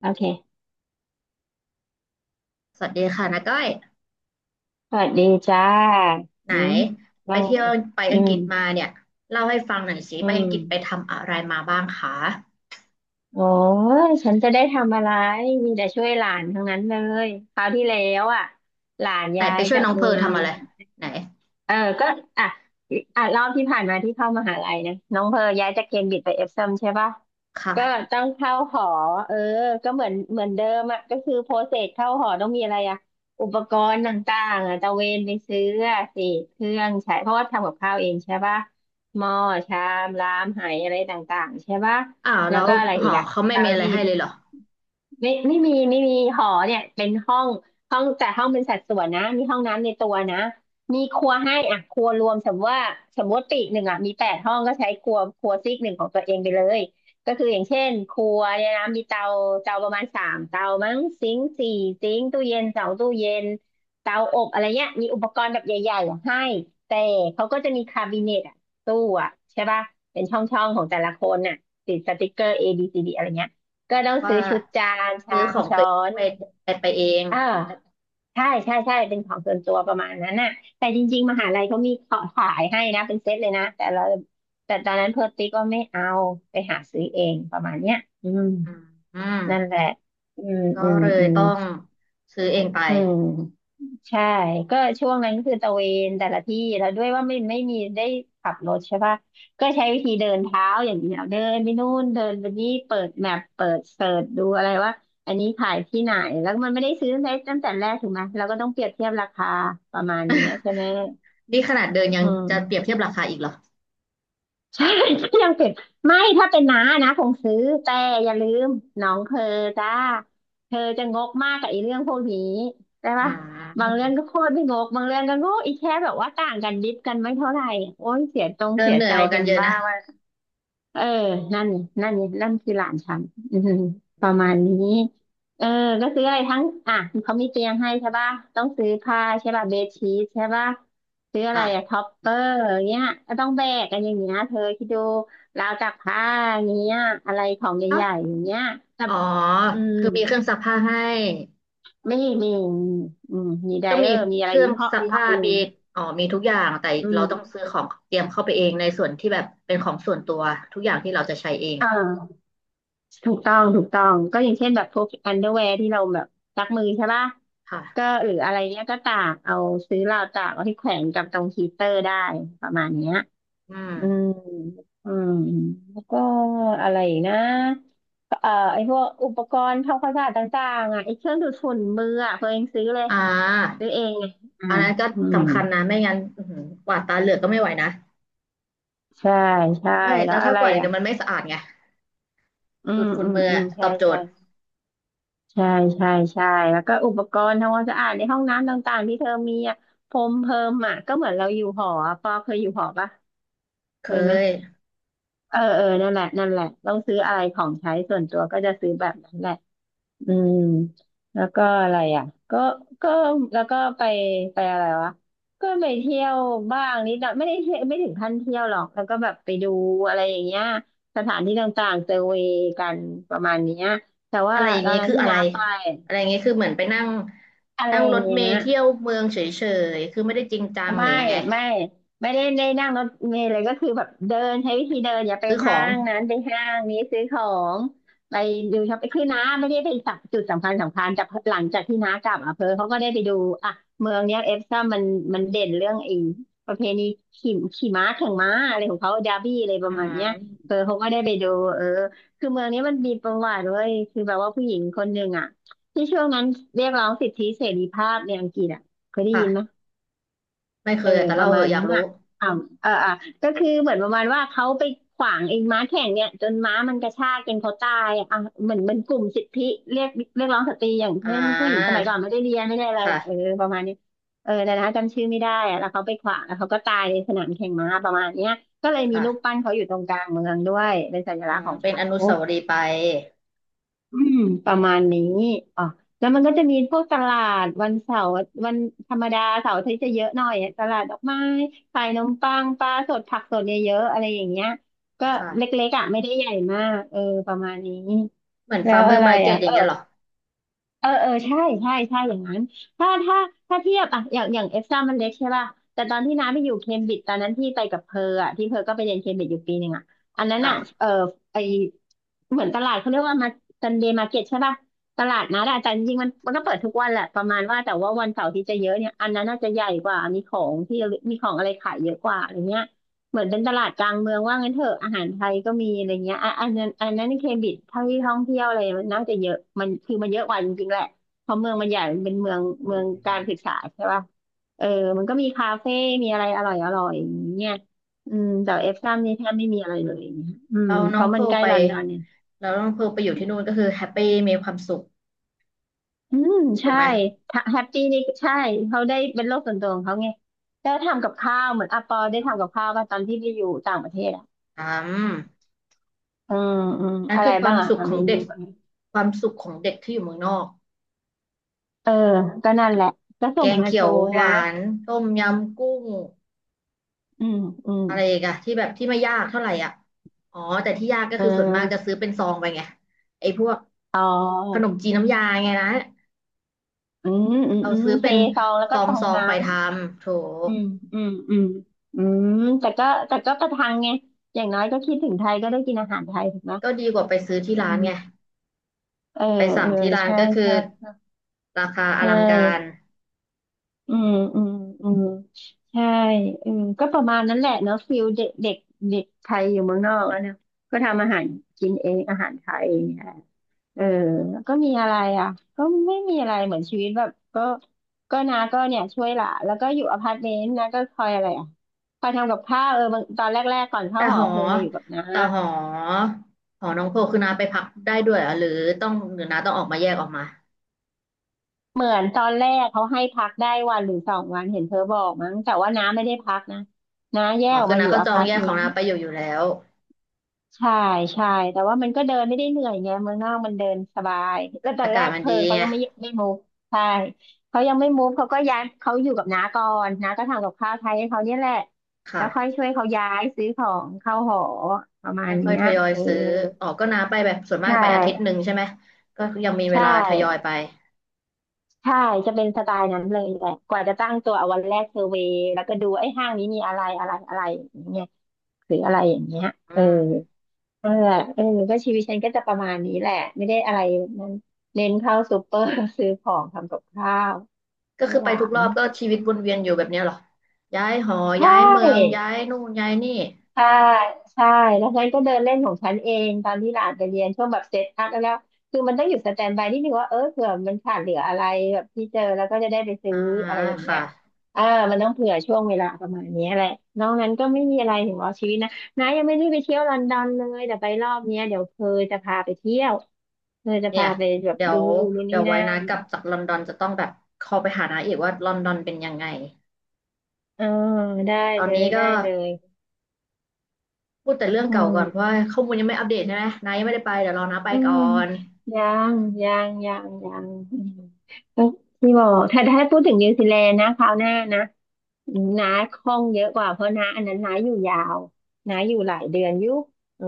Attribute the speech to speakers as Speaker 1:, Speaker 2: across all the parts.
Speaker 1: โอเค
Speaker 2: สวัสดีค่ะนาก้อย
Speaker 1: สวัสดีจ้า
Speaker 2: ไหน
Speaker 1: อืม
Speaker 2: ไป
Speaker 1: ว่าไง
Speaker 2: เที่ยวไป
Speaker 1: อื
Speaker 2: อังก
Speaker 1: ม
Speaker 2: ฤษมาเนี่ยเล่าให้ฟังหน่อยสิ
Speaker 1: อื
Speaker 2: ไปอังกฤษไป
Speaker 1: ม
Speaker 2: ทำอะไรมาบ้างคะ
Speaker 1: โอ้ยฉันจะได้ทำอะไรมีแต่ช่วยหลานทั้งนั้นเลย คราวที่แล้วอ่ะหลาน
Speaker 2: ไหน
Speaker 1: ย้า
Speaker 2: ไป
Speaker 1: ย
Speaker 2: ช่วย
Speaker 1: จาก
Speaker 2: น้องเพ
Speaker 1: เมื
Speaker 2: อร์
Speaker 1: อง
Speaker 2: ทำอะไรไหน
Speaker 1: เออก็อ่ะอ่ะรอบที่ผ่านมาที่เข้ามหาลัยนะน้องเพอย้ายจากเคมบริดจ์ไปเอฟซัมใช่ปะก็
Speaker 2: ค่ะ
Speaker 1: ต้องเข้าหอเออก็เหมือนเดิมอ่ะก็คือโปรเซสเข้าหอต้องมีอะไรอ่ะอุปกรณ์ต่างๆอ่ะตะเวนไปซื้ออะสิเครื่องใช้เพราะว่าทำกับข้าวเองใช่ปะหม้อชามรามไหอะไรต่างๆใช่ปะ
Speaker 2: อ้าว
Speaker 1: แล้
Speaker 2: แล้
Speaker 1: ว
Speaker 2: ว
Speaker 1: ก็อะไร
Speaker 2: ห
Speaker 1: อีก
Speaker 2: อ
Speaker 1: อะ
Speaker 2: เขาไม่
Speaker 1: ตา
Speaker 2: มี
Speaker 1: ม
Speaker 2: อะไร
Speaker 1: ที่
Speaker 2: ให้เลยเหรอ
Speaker 1: ไม่มีหอเนี่ยเป็นห้องห้องแต่ห้องเป็นสัดส่วนนะมีห้องน้ำในตัวนะมีครัวให้อ่ะครัวรวมสมมติว่าสมมติปีกหนึ่งอ่ะมี8ห้องก็ใช้ครัวซีกหนึ่งของตัวเองไปเลยก็คืออย่างเช่นครัวเนี่ยนะมีเตาเตาประมาณ3เตามั้งซิงค์4ซิงค์ตู้เย็น2ตู้เย็นเตาอบอะไรเงี้ยมีอุปกรณ์แบบใหญ่ๆอ่ะให้แต่เขาก็จะมีคาบิเนตอ่ะตู้อ่ะใช่ป่ะเป็นช่องๆของแต่ละคนน่ะติดสติกเกอร์ ABCD อะไรเงี้ย ก็ต้อง
Speaker 2: ว่า
Speaker 1: ซื้อชุดจานชา
Speaker 2: ซื้อข
Speaker 1: ม
Speaker 2: องตั
Speaker 1: ช้อ
Speaker 2: วเอง
Speaker 1: น
Speaker 2: ไปไปไปเอง
Speaker 1: เออใช่ใช่ใช่เป็นของส่วนตัวประมาณนั้นน่ะแต่จริงๆมหาลัยเขามีขอขายให้นะเป็นเซตเลยนะแต่เราแต่ตอนนั้นเพิร์ตติ๊กก็ไม่เอาไปหาซื้อเองประมาณเนี้ยอืม
Speaker 2: อืมอืม
Speaker 1: นั่นแหละอืม
Speaker 2: ก็
Speaker 1: อืม
Speaker 2: เลย
Speaker 1: อืม
Speaker 2: ต้องซื้อเองไป
Speaker 1: อืม ใช่ ก็ช่วงนั้นคือตระเวนแต่ละที่แล้วด้วยว่าไม่มีได้ขับรถใช่ปะก็ใช้วิธีเดินเท้าอย่างเดียวเดินไปนู่นเดินไปนี่เปิดแมปเปิดเสิร์ชดูอะไรว่าอันนี้ขายที่ไหนแล้วมันไม่ได้ซื้อตั้งแต่แรกถูกไหมเราก็ต้องเปรียบเทียบราคาประมาณนี้ใช่ไหม
Speaker 2: นี่ขนาดเดินยั
Speaker 1: อื
Speaker 2: งจะเปรียบ
Speaker 1: ม
Speaker 2: เทียบราคาอีกเหรอ
Speaker 1: ใช่ ยังเป็นไม่ถ้าเป็นน้านะคงซื้อแต่อย่าลืมน้องเธอจ้าเธอจะงกมากกับไอ้เรื่องพวกนี้ได้
Speaker 2: อื
Speaker 1: ปะบางเรื่องก็
Speaker 2: ม
Speaker 1: โคตรไม่งกบางเรื่องก็งกอีแค่แบบว่าต่างกันดิบกันไม่เท่าไหร่โอ้ยเสียตรง
Speaker 2: เดิ
Speaker 1: เสี
Speaker 2: น
Speaker 1: ย
Speaker 2: เหนื่อ
Speaker 1: ใจ
Speaker 2: ยกว่ากั
Speaker 1: เป็
Speaker 2: น
Speaker 1: น
Speaker 2: เยอะ
Speaker 1: บ้า
Speaker 2: นะ
Speaker 1: เออนั่นนั่นนั่นคือหลานฉันอือหือ
Speaker 2: อื
Speaker 1: ประมาณนี้
Speaker 2: ม
Speaker 1: เออก็ซื้ออะไรทั้งอ่ะเขามีเตียงให้ใช่ป่ะต้องซื้อผ้าใช่ป่ะเบดชีทใช่ป่ะซื้ออะไรอะท็
Speaker 2: อ่
Speaker 1: อปเปอร์อย่างเงี้ยก็ต้องแบกกันอย่างเงี้ยเธอคิดดู ราวตากผ้าอย่างเงี้ยอะไรของ
Speaker 2: ะ
Speaker 1: ใหญ่ๆอย่างเงี้ยแต่
Speaker 2: อ๋อ
Speaker 1: อืม
Speaker 2: คือมีเครื่องซักผ้าให้
Speaker 1: ไม่มีอืมมีได
Speaker 2: ก็
Speaker 1: เออ
Speaker 2: มี
Speaker 1: ร์ มีอะ
Speaker 2: เค
Speaker 1: ไร
Speaker 2: รื่อ
Speaker 1: มี
Speaker 2: งซัก
Speaker 1: ห้อง
Speaker 2: ผ้า
Speaker 1: บอลลู
Speaker 2: มี
Speaker 1: น
Speaker 2: อ๋อมีทุกอย่างแต่
Speaker 1: อื
Speaker 2: เราต้อง
Speaker 1: ม
Speaker 2: ซื้อของเตรียมเข้าไปเองในส่วนที่แบบเป็นของส่วนตัวทุกอย่างที่เราจะใช้เอง
Speaker 1: อ่า ถูกต้องถูกต้องก็อย่างเช่นแบบพวกอันเดอร์แวร์ที่เราแบบซักมือใช่ป่ะ
Speaker 2: ค่ะ
Speaker 1: ก็หรืออะไรเนี้ยก็ตากเอาซื้อราวตากเอาที่แขวนกับตรงฮีตเตอร์ได้ประมาณเนี้ย
Speaker 2: อืม
Speaker 1: อืมอืมแล้วก็อะไรอีกนะไอพวกอุปกรณ์ทำความสะอาดต่างๆอ่ะไอเครื่องดูดฝุ่นมืออ่ะตัวเองซื้อเลย
Speaker 2: อ่า
Speaker 1: ซื้อเองไงอ่า
Speaker 2: อันนั้นก็
Speaker 1: อืม
Speaker 2: สำคัญนะไม่งั้นอื้อหือกวาดตาเหลือกก็ไม่ไหวนะ
Speaker 1: ใช่ใช่
Speaker 2: ไม่
Speaker 1: แล้
Speaker 2: แล้
Speaker 1: ว
Speaker 2: ว
Speaker 1: อะ
Speaker 2: ถ้า
Speaker 1: ไร
Speaker 2: กวาดอีก
Speaker 1: อ่ะ
Speaker 2: เดี๋ยวมันไม่สะอาดไง
Speaker 1: อื
Speaker 2: ดู
Speaker 1: ม
Speaker 2: ดฝุ่น
Speaker 1: อืม
Speaker 2: มืออ
Speaker 1: อืม
Speaker 2: ต
Speaker 1: ใช่
Speaker 2: อบโจ
Speaker 1: ใช่
Speaker 2: ทย์
Speaker 1: ใช่ใช่ใช่แล้วก็อุปกรณ์ทำความสะอาดในห้องน้ำต่างๆที่เธอมีอ่ะพรมเพิ่มอ่ะก็เหมือนเราอยู่หออะปอเคยอยู่หอปะเค
Speaker 2: เค
Speaker 1: ยไหม
Speaker 2: ย
Speaker 1: เออเออนั่นแหละนั่นแหละต้องซื้ออะไรของใช้ส่วนตัวก็จะซื้อแบบนั้นแหละอืมแล้วก็อะไรอ่ะก็ก็แล้วก็ไปอะไรวะก็ไปเที่ยวบ้างนิดหน่อยไม่ได้เที่ยวไม่ถึงขั้นเที่ยวหรอกแล้วก็แบบไปดูอะไรอย่างเงี้ยสถานที่ต่างๆเซอร์เวย์กันประมาณเนี้ยแต่ว่า
Speaker 2: อะไรอย่าง
Speaker 1: ตอ
Speaker 2: นี้
Speaker 1: นนั้น
Speaker 2: คือ
Speaker 1: ที่
Speaker 2: อะไร
Speaker 1: น้าไป
Speaker 2: อะไรอย่างนี้คือเหมือนไปนั่ง
Speaker 1: อะไร
Speaker 2: นั่ง
Speaker 1: อ
Speaker 2: ร
Speaker 1: ย่าง
Speaker 2: ถ
Speaker 1: เงี้
Speaker 2: เม
Speaker 1: ย
Speaker 2: ล์เที่ยวเมืองเฉยๆคือไม่ได้จริงจังห
Speaker 1: ไม่
Speaker 2: รือยังไง
Speaker 1: ไม่ไม่ได้นั่งรถเมล์เลยก็คือแบบเดินใช้วิธีเดินอย่าไป
Speaker 2: ซื้อข
Speaker 1: ห้า
Speaker 2: อง
Speaker 1: งนั้นไปห้างนี้ซื้อของไปดูช็อปปิ้งคือน้าไม่ได้ไปจับจุดสำคัญสำคัญแต่หลังจากที่น้ากลับอำเภอเขาก็ได้ไปดูอ่ะเมืองเนี้ยเอฟซ่ามันมันเด่นเรื่องไอ้ประเพณีขี่ม้าแข่งม้าอะไรของเขาดาร์บี้อะไรป
Speaker 2: อื
Speaker 1: ระมาณเนี้ยเออ
Speaker 2: ม
Speaker 1: เขาก็ได้ไปดูเออคือเมืองนี้มันมีประวัติเว้ยคือแบบว่าผู้หญิงคนหนึ่งอ่ะที่ช่วงนั้นเรียกร้องสิทธิเสรีภาพในอังกฤษอ่ะเคยได้ยินไหม
Speaker 2: ค่ะไม่เค
Speaker 1: เออ
Speaker 2: ยอะแต่
Speaker 1: ป
Speaker 2: เล่า
Speaker 1: ระ
Speaker 2: เห
Speaker 1: มา
Speaker 2: อะ
Speaker 1: ณ
Speaker 2: อยา
Speaker 1: นั้
Speaker 2: ก
Speaker 1: น
Speaker 2: รู้
Speaker 1: อ่ะอ่าอ่ะก็คือเหมือนประมาณว่าเขาไปขวางไอ้ม้าแข่งเนี่ยจนม้ามันกระชากจนเขาตายอ่ะเหมือนเป็นกลุ่มสิทธิเรียกเรียกร้องสตรีอย่าง
Speaker 2: อ่
Speaker 1: เช่นผู้หญิงส
Speaker 2: า
Speaker 1: มัยก่อนไม่ได้เรียนไม่ได้อะไรเออ
Speaker 2: ค่ะ
Speaker 1: ประมาณนี้เออแต่นะจำชื่อไม่ได้อ่ะแล้วเขาไปขวางแล้วเขาก็ตายในสนามแข่งม้าประมาณเนี้ยก็เลยมี
Speaker 2: ค่ะ
Speaker 1: รูปปั้นเขาอยู่ตรงกลางเมืองด้วยเป็นสัญ
Speaker 2: อื
Speaker 1: ลักษณ์
Speaker 2: ม
Speaker 1: ของ
Speaker 2: เป็น
Speaker 1: เขา
Speaker 2: อนุสาวรีย์ไป
Speaker 1: อืมประมาณนี้อ๋อแล้วมันก็จะมีพวกตลาดวันเสาร์วันธรรมดาเสาร์อาที่จะเยอะหน่อยตลาดดอกไม้ขายนมปังปลาสดผักสดเนี่ยเยอะๆ อะไรอย่างเงี้ยก็
Speaker 2: ค่ะ
Speaker 1: เล็กๆอ่ะไม่ได้ใหญ่มากเออประมาณนี้
Speaker 2: เหมือน
Speaker 1: แล้
Speaker 2: ฟาร์
Speaker 1: ว
Speaker 2: มเมอ
Speaker 1: อะ
Speaker 2: ร์
Speaker 1: ไร
Speaker 2: มาร์เก็
Speaker 1: อ่ะ
Speaker 2: ตอย่า
Speaker 1: เอ
Speaker 2: ง
Speaker 1: อ
Speaker 2: เงี้ยเหรอ
Speaker 1: เออใช่ใช่อย่างนั้นถ้าถ้าถ้าเทียบอะอย่างเอฟซ่ามันเล็กใช่ป่ะแต่ตอนที่น้าไปอยู่เคมบริดจ์ตอนนั้นที่ไปกับเพอร์อะที่เพอร์ก็ไปเรียนเคมบริดจ์อยู่1 ปีอะอันนั้นอะ
Speaker 2: ค่ะ
Speaker 1: เออไอเหมือนตลาดเขาเรียกว่ามาซันเดย์มาร์เก็ตใช่ป่ะตลาดนัดอะแต่จริงๆมันก็เปิดทุกวันแหละประมาณว่าแต่ว่าวันเสาร์ที่จะเยอะเนี่ยอันนั้นน่าจะใหญ่กว่ามีของที่ระลึกมีของอะไรขายเยอะกว่าอะไรเงี้ย เหมือนเป็นตลาดกลางเมืองว่างั้นเถอะอาหารไทยก็มีอะไรเงี้ยอ่ะอันนั้นในเคมบริดจ์เท่าที่ท่องเที่ยวอะไรมันน่าจะเยอะมันคือมันเยอะกว่าจริงๆแหละเพราะเมืองมันใหญ่มันเป็นเมืองการศึกษาใช่ป่ะเออมันก็มีคาเฟ่มีอะไรอร่อยอย่างเงี้ยอืมแต่เอฟซัมนี่แทบไม่มีอะไรเลยอย่างเงี้ยอืม
Speaker 2: เรา
Speaker 1: เพ
Speaker 2: น้อง
Speaker 1: ราะ
Speaker 2: เพ
Speaker 1: มัน
Speaker 2: ร์ล
Speaker 1: ใกล้
Speaker 2: ไป
Speaker 1: ลอนดอนเนี่ย
Speaker 2: เราน้องเพร์ลไปอยู่ที่นู่นก็คือแฮปปี้มีความสุข
Speaker 1: อืม
Speaker 2: ถูก
Speaker 1: ใช่
Speaker 2: ไหม
Speaker 1: แฮปปี้นี่ใช่เขาได้เป็นโลกส่วนตัวของเขาไงแล้วทำกับข้าวเหมือนอาปอได้ทำกับข้าวป่ะตอนที่ไปอยู่ต่างประเทศอ่ะ
Speaker 2: อืม
Speaker 1: อืมอืม
Speaker 2: นั่น
Speaker 1: อะไร
Speaker 2: คือควา
Speaker 1: บ้าง
Speaker 2: ม
Speaker 1: อ่ะ
Speaker 2: สุข
Speaker 1: อ่ะ
Speaker 2: ข
Speaker 1: เม
Speaker 2: อง
Speaker 1: นู
Speaker 2: เด็กความสุขของเด็กที่อยู่เมืองนอก
Speaker 1: เออ ก็นั่นแหละ ก็ส่
Speaker 2: แก
Speaker 1: ง
Speaker 2: ง
Speaker 1: มา
Speaker 2: เขี
Speaker 1: โช
Speaker 2: ยว
Speaker 1: ว์
Speaker 2: ห
Speaker 1: นะ
Speaker 2: วานต้มยำกุ้ง
Speaker 1: อืมอืม
Speaker 2: อะไรอีกันที่แบบที่ไม่ยากเท่าไหร่อ่ะอ๋อแต่ที่ยากก็
Speaker 1: เ
Speaker 2: คือส่วนมากจะ
Speaker 1: ออ
Speaker 2: ซื้อเป็นซองไปไงไอ้พวก
Speaker 1: อ๋
Speaker 2: ขน
Speaker 1: อ
Speaker 2: มจีนน้ำยาไงนะ
Speaker 1: อืมอืม
Speaker 2: เรา
Speaker 1: อืม
Speaker 2: ซื้อ
Speaker 1: เท
Speaker 2: เป็น
Speaker 1: ซองแล้ว
Speaker 2: ซ
Speaker 1: ก็
Speaker 2: อ
Speaker 1: ต
Speaker 2: ง
Speaker 1: อ
Speaker 2: ซ
Speaker 1: ง
Speaker 2: อง
Speaker 1: น้
Speaker 2: ไปทำโถ
Speaker 1: ำอืม อืม อืม อืม แต่ก็ประทังไงอย่างน้อยก็คิดถึงไทยก็ได้กินอาหารไทยถูกไหม
Speaker 2: ก็ดีกว่าไปซื้อที่
Speaker 1: อื
Speaker 2: ร้านไง
Speaker 1: มเออ
Speaker 2: ไปสั่
Speaker 1: เอ
Speaker 2: ง
Speaker 1: อ
Speaker 2: ที่ร้าน
Speaker 1: ใช่
Speaker 2: ก็คือ
Speaker 1: ใช่ใช
Speaker 2: ราคาอลังการ
Speaker 1: ่อืมอืมอืมใช่อืมก็ประมาณนั้นแหละเนาะฟิลเด็กเด็กเด็กไทยอยู่เมืองนอกแล้วเนอะก็ทำอาหารกินเองอาหารไทย เออแล้วก็มีอะไรอ่ะก็ไม่มีอะไรเหมือนชีวิตแบบก็ก็นาก็เนี่ยช่วยหลานแล้วก็อยู่อพาร์ตเมนต์นะก็คอยอะไรอ่ะคอยทำกับข้าวเออบางตอนแรกๆก่อน
Speaker 2: แต่
Speaker 1: เข้าห
Speaker 2: ห
Speaker 1: อ
Speaker 2: อ
Speaker 1: เพิมมาอยู่กับน้า
Speaker 2: แต่หอหอน้องโพคือน้าไปพักได้ด้วยเหรอหรือต้องหรือน้าต้องออกมาแยกออกมา
Speaker 1: เหมือนตอนแรกเขาให้พักได้วันหรือสองวันเห็นเธอบอกมั้งแต่ว่าน้าไม่ได้พักนะน้าแย
Speaker 2: ห
Speaker 1: ก
Speaker 2: อ
Speaker 1: ออก
Speaker 2: คือ
Speaker 1: มาอ
Speaker 2: น้า
Speaker 1: ยู่
Speaker 2: ก็
Speaker 1: อ
Speaker 2: จอง
Speaker 1: พาร์ต
Speaker 2: แยก
Speaker 1: เม
Speaker 2: ของ
Speaker 1: นต์
Speaker 2: น้าไปอยู่อยู่แล้ว
Speaker 1: ใช่ใช่แต่ว่ามันก็เดินไม่ได้เหนื่อยไงเมืองนอกมันเดินสบายแล้วตอ
Speaker 2: อา
Speaker 1: นแร
Speaker 2: กาศ
Speaker 1: ก
Speaker 2: มัน
Speaker 1: เพอ
Speaker 2: ดี
Speaker 1: เขา
Speaker 2: ไง
Speaker 1: ยังไม่มูฟใช่เขายังไม่มูฟเขาก็ย้ายเขาอยู่กับน้าก่อนน้าก็ทำกับข้าวไทยให้เขาเนี่ยแหละแล้
Speaker 2: ค่ะ
Speaker 1: วค่อยช่วยเขาย้ายซื้อของเข้าหอประมา
Speaker 2: ก็
Speaker 1: ณ
Speaker 2: ค่อ
Speaker 1: เนี้
Speaker 2: ย
Speaker 1: ย
Speaker 2: ทยอย
Speaker 1: เออ
Speaker 2: ซื้อออกก็น้าไปแบบส่วนมาก
Speaker 1: ใช่
Speaker 2: ไปอาทิตย์หนึ่งใช่ไหมก็ยังมีเว
Speaker 1: ใช่
Speaker 2: ลาทยอยไป
Speaker 1: ใช่จะเป็นสไตล์นั้นเลยแหละกว่าจะตั้งตัวเอาวันแรกเซอร์เวย์แล้วก็ดูไอ้ห้างนี้มีอะไรอะไรอะไรอย่างเงี้ยหรืออะไรอย่างเงี้ย
Speaker 2: อื
Speaker 1: เออ
Speaker 2: ม
Speaker 1: นั่นแหละเออก็ชีวิตฉันก็จะประมาณนี้แหละไม่ได้อะไรนั้นเน้นเข้าซูเปอร์ ซื้อของทำกับข้าว
Speaker 2: ก็
Speaker 1: ให้
Speaker 2: คือ
Speaker 1: ห
Speaker 2: ไป
Speaker 1: ลา
Speaker 2: ทุกร
Speaker 1: น
Speaker 2: อบก็ชีวิตวนเวียนอยู่แบบเนี้ยเหรอย้ายหอ
Speaker 1: ใช
Speaker 2: ย้ายเมือง
Speaker 1: ่
Speaker 2: ย้ายนู่นย้ายนี่
Speaker 1: ใช่ใช่แล้วฉันก็เดินเล่นของฉันเองตอนที่หลานไปเรียนช่วงแบบเซตอัพแล้วคือมันต้องอยู่สแตนบายนิดนึงว่าเออเผื่อมันขาดเหลืออะไรแบบที่เจอแล้วก็จะได้ไปซื้อ
Speaker 2: อ่า
Speaker 1: อะไรอย่างเงี้
Speaker 2: ค่ะ
Speaker 1: ยอ่ามันต้องเผื่อช่วงเวลาประมาณเนี้ยแหละนอกนั้นก็ไม่มีอะไรถึงว่าชีวิตนะนายังไม่ได้ไปเที่ยวลอนดอนเลยแต่ไปรอบเนี้ยเดี๋ยวเพอจะพาไปเที่ยวเพอจะ
Speaker 2: เนี่
Speaker 1: พา
Speaker 2: ย
Speaker 1: ไปแบบ
Speaker 2: เดี๋ย
Speaker 1: ดู
Speaker 2: ว
Speaker 1: นู่น
Speaker 2: เดี๋
Speaker 1: นี่
Speaker 2: ยวไว้
Speaker 1: นั่
Speaker 2: นะ
Speaker 1: น
Speaker 2: กลับจากลอนดอนจะต้องแบบคอลไปหานาอีกว่าลอนดอนเป็นยังไง
Speaker 1: เออได้
Speaker 2: ตอน
Speaker 1: เล
Speaker 2: นี้
Speaker 1: ย
Speaker 2: ก็
Speaker 1: ได้เลย
Speaker 2: พูดแต่เรื่อง
Speaker 1: อื
Speaker 2: เก่าก่อนเพราะ
Speaker 1: ม
Speaker 2: ว่าข้อมูลยังไม่อัปเดตใช่ไหมนายังไม่ได้ไปเดี๋ยวรอนาไป
Speaker 1: อื
Speaker 2: ก่อ
Speaker 1: ม
Speaker 2: น
Speaker 1: ยังยังอืมก็ที่บอกถ้าพูดถึงนิวซีแลนด์นะคราวหน้านะน้าคล่องเยอะกว่าเพราะน้าอันนั้นน้าอยู่ยาวน้าอยู่หลายเดือนอยู่เออ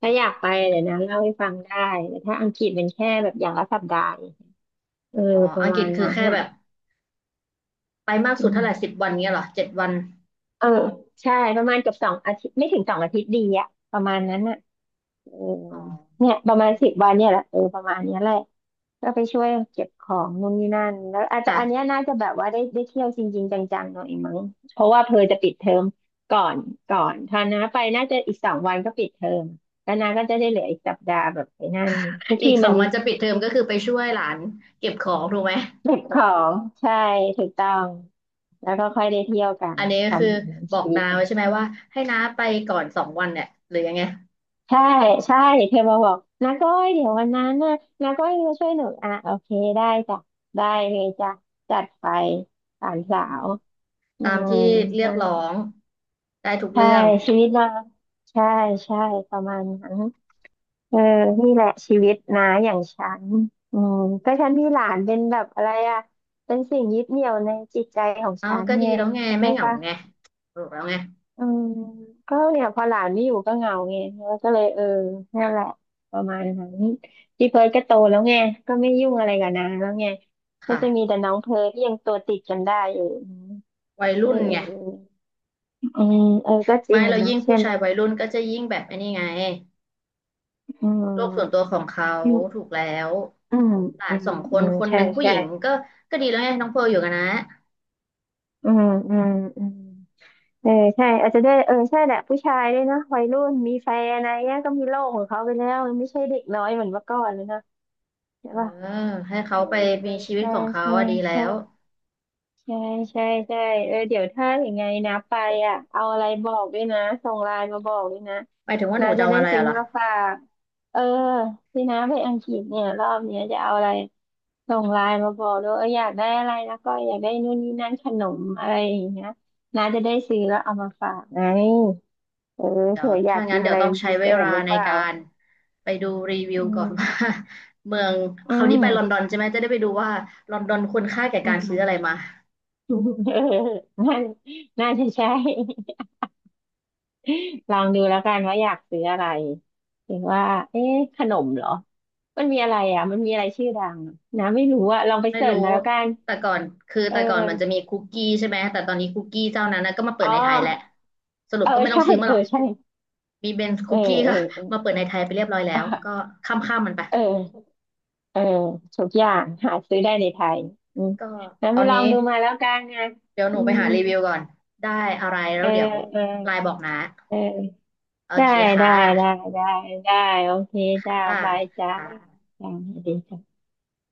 Speaker 2: อื
Speaker 1: ถ้าอ
Speaker 2: ม
Speaker 1: ยากไป
Speaker 2: อม
Speaker 1: เดี๋ยวนะเล่าให้ฟังได้แต่ถ้าอังกฤษเป็นแค่แบบอย่างละสัปดาห์เออ
Speaker 2: อ๋อ
Speaker 1: ป
Speaker 2: อั
Speaker 1: ระ
Speaker 2: งกฤ
Speaker 1: มา
Speaker 2: ษ
Speaker 1: ณ
Speaker 2: คือ
Speaker 1: นั้น
Speaker 2: แค่
Speaker 1: น่ะ
Speaker 2: แบบไปมาก
Speaker 1: อื
Speaker 2: สุด
Speaker 1: ม
Speaker 2: เท่าไหร่10 วันเงี้ยเหรอ7 วัน
Speaker 1: เออใช่ประมาณเกือบสองอาทิตย์ไม่ถึงสองอาทิตย์ดีอะประมาณนั้นน่ะ เออ
Speaker 2: อ๋อ
Speaker 1: เนี่ยประมาณสิบวันเนี่ยแหละเออประมาณเนี้ยแหละก็ไปช่วยเก็บของนู่นนี่นั่นแล้วอาจจะ
Speaker 2: แต่
Speaker 1: อันเนี้ยน่าจะแบบว่าได้เที่ยวจริงๆจังๆหน่อยมั้งเพราะว่าเพอจะปิดเทอมก่อนก่อนถ้านะไปน่าจะอีกสองวันก็ปิดเทอมแล้วนาก็จะได้เหลืออีกสัปดาห์แบบไปนั่นทุก
Speaker 2: อี
Speaker 1: ที่
Speaker 2: กส
Speaker 1: มั
Speaker 2: อง
Speaker 1: น
Speaker 2: วันจะปิดเทอมก็คือไปช่วยหลานเก็บของถูกไหม
Speaker 1: เก็บของใช่ถูกต้องแล้วก็ค่อยได้เที่ยวกัน
Speaker 2: อันนี้ก็
Speaker 1: ประ
Speaker 2: คือ
Speaker 1: มาณนั้น
Speaker 2: บอ
Speaker 1: ชี
Speaker 2: ก
Speaker 1: วิต
Speaker 2: นาไว้ใช่ไหมว่าให้น้าไปก่อนสองวันเนี่ยหรือยังไง
Speaker 1: ใช่ใช่เธอมาบอกนาก้อยเดี๋ยววันนั้นนะนาก้อยมาช่วยหนูอ่ะโอเคได้จ้ะได้เลยจ้ะจัดไปสามสา
Speaker 2: อืม
Speaker 1: วอื
Speaker 2: ตาม
Speaker 1: ม
Speaker 2: ที่เรียก
Speaker 1: นั่นแห
Speaker 2: ร้อ
Speaker 1: ละ
Speaker 2: งได้ทุก
Speaker 1: ใช่
Speaker 2: เรื่อง
Speaker 1: ชีวิตนางใช่ใช่ประมาณนั้นเออนี่แหละชีวิตนะอย่างฉันอืมก็ฉันมีหลานเป็นแบบอะไรอ่ะเป็นสิ่งยึดเหนี่ยวในจิตใจของ
Speaker 2: เอา
Speaker 1: ฉัน
Speaker 2: ก็ดี
Speaker 1: เนี่ย
Speaker 2: แล้วไง
Speaker 1: เข้าใจ
Speaker 2: ไม่เหงา
Speaker 1: ปะ
Speaker 2: ไงถูกแล้วไง
Speaker 1: อืมก็เนี่ยพอหลานไม่อยู่ก็เหงาไงแล้วก็เลยเออนั่นแหละประมาณนั้นพี่เพิร์ดก็โตแล้วไงก็ไม่ยุ่งอะไรกับนางแล้วไงก็จะมี
Speaker 2: ค่ะ
Speaker 1: แต่น้องเพิร์ทที่ยังตัวติดกันได้อยู่
Speaker 2: วัย
Speaker 1: เ
Speaker 2: รุ่นไง
Speaker 1: อออืมเออก็จ
Speaker 2: ไม่
Speaker 1: ริง
Speaker 2: เรา
Speaker 1: อะนะ
Speaker 2: ยิ่ง
Speaker 1: ใช่
Speaker 2: ผู้
Speaker 1: ไหม
Speaker 2: ชายวัยรุ่นก็จะยิ่งแบบไอ้นี่ไง
Speaker 1: อื
Speaker 2: โลกส่วนตัว
Speaker 1: ม
Speaker 2: ของเขา
Speaker 1: อื
Speaker 2: ถู
Speaker 1: ม
Speaker 2: กแล้ว
Speaker 1: อืม
Speaker 2: หลา
Speaker 1: อื
Speaker 2: นส
Speaker 1: ม
Speaker 2: องค
Speaker 1: อื
Speaker 2: น
Speaker 1: ม
Speaker 2: คนห
Speaker 1: ใช่
Speaker 2: นึ่งผู้ห
Speaker 1: ใช่
Speaker 2: ญิงก็ก็ดีแล้วไงน้องเพร์ลอยู่กันนะ
Speaker 1: อืมอืมอืมเออใช่อาจจะได้วยเออใช่แหละผู้ชายด้วยนะวัยรุ่นมีแฟนอะไรเงี้ยก็มีโลกของเขาไปแล้วไม่ใช่เด็กน้อยเหมือนเมื่อก่อนแล้วนะใช่
Speaker 2: เอ
Speaker 1: ปะ
Speaker 2: อให้
Speaker 1: เอ
Speaker 2: เขา
Speaker 1: อ
Speaker 2: ไปมีชีวิต
Speaker 1: ใช่
Speaker 2: ของเขา
Speaker 1: ใช่
Speaker 2: อะดีแล้
Speaker 1: ใช่
Speaker 2: ว
Speaker 1: ใช่ใช่ใช่ใช่เออเดี๋ยวถ้าอย่างไงนะไปอ่ะเอาอะไรบอกด้วยนะส่งไลน์มาบอกด้วยนะ
Speaker 2: หมายถึงว่าห
Speaker 1: นะ
Speaker 2: นูจะ
Speaker 1: จะ
Speaker 2: เอา
Speaker 1: ได้
Speaker 2: อะไร
Speaker 1: ซื้อ
Speaker 2: อะล่ะ
Speaker 1: มาฝากเออที่น้าไปอังกฤษเนี่ยรอบเนี้ยจะเอาอะไรส่งไลน์มาบอกด้วยเอออยากได้อะไรแล้วก็อยากได้นู่นนี่นั่นขนมอะไรอย่างเงี้ยน้าจะได้ซื้อแล้วเอามาฝากไงเออ
Speaker 2: เดี๋ยว
Speaker 1: เผื่ออยา
Speaker 2: ถ้า
Speaker 1: กกิ
Speaker 2: งั้น
Speaker 1: น
Speaker 2: เดี๋
Speaker 1: อะ
Speaker 2: ยว
Speaker 1: ไร
Speaker 2: ต้อง
Speaker 1: เป็น
Speaker 2: ใช้
Speaker 1: พิเศ
Speaker 2: เว
Speaker 1: ษ
Speaker 2: ลา
Speaker 1: หรือ
Speaker 2: ใน
Speaker 1: เปล่า
Speaker 2: การไปดูรีวิ
Speaker 1: อื
Speaker 2: วก่อนว่า
Speaker 1: ม
Speaker 2: เมือง
Speaker 1: อื
Speaker 2: คราวนี้ไปลอนดอ
Speaker 1: ม
Speaker 2: นใช่ไหมจะได้ไปดูว่าลอนดอนคุณค่าแก่
Speaker 1: อื
Speaker 2: การซื้ออะไร
Speaker 1: ม
Speaker 2: มา
Speaker 1: เออน่าน่าจะใช่ ลองดูแล้วกันว่าอยากซื้ออะไรเห็นว่าเอ๊ะขนมเหรอมันมีอะไรอ่ะมันมีอะไรชื่อดังอะนะไม่รู้อ่ะลองไป
Speaker 2: ไม่
Speaker 1: เสิร์ช
Speaker 2: รู้
Speaker 1: มาแล้วกัน
Speaker 2: แต่ก่อนคือ
Speaker 1: เออ
Speaker 2: แต่ก่อนมันจะมีคุกกี้ใช่ไหมแต่ตอนนี้คุกกี้เจ้านั้นนะก็มาเปิ
Speaker 1: อ๋อ
Speaker 2: ดในไทยแหละสรุ
Speaker 1: เอ
Speaker 2: ป
Speaker 1: อ
Speaker 2: ก็ไม่ต้อง
Speaker 1: ใช่
Speaker 2: ซื้อมา
Speaker 1: เอ
Speaker 2: หร
Speaker 1: อ
Speaker 2: อก
Speaker 1: ใช่
Speaker 2: มีเบนซ์
Speaker 1: เอ
Speaker 2: คุ
Speaker 1: อ
Speaker 2: กกี้
Speaker 1: เออ
Speaker 2: ก็
Speaker 1: เออ
Speaker 2: มาเปิดในไทยไปเรียบร้อยแล้วก็
Speaker 1: อ่ะ
Speaker 2: ข้ามข้ามมันไป
Speaker 1: เออเออทุกอย่างหาซื้อได้ในไทยอืม
Speaker 2: ก็
Speaker 1: งั้น
Speaker 2: ตอ
Speaker 1: ไป
Speaker 2: น
Speaker 1: ลอ
Speaker 2: นี้
Speaker 1: งดูมาแล้วกันนะ
Speaker 2: เดี๋ยวห
Speaker 1: อื
Speaker 2: นูไป
Speaker 1: ม
Speaker 2: หารีวิวก่อนได้อะไรแล้
Speaker 1: เอ
Speaker 2: ว
Speaker 1: อ
Speaker 2: เดี๋ยว
Speaker 1: เออ
Speaker 2: ไลน์บอกนะ
Speaker 1: เออ
Speaker 2: โอ
Speaker 1: ได้
Speaker 2: เคค่
Speaker 1: ได้ได้
Speaker 2: ะ
Speaker 1: ได้ได้โอเคจ้า
Speaker 2: ค่ะ
Speaker 1: บายจ้า
Speaker 2: ค่ะ
Speaker 1: จ้าสวัสดีจ้า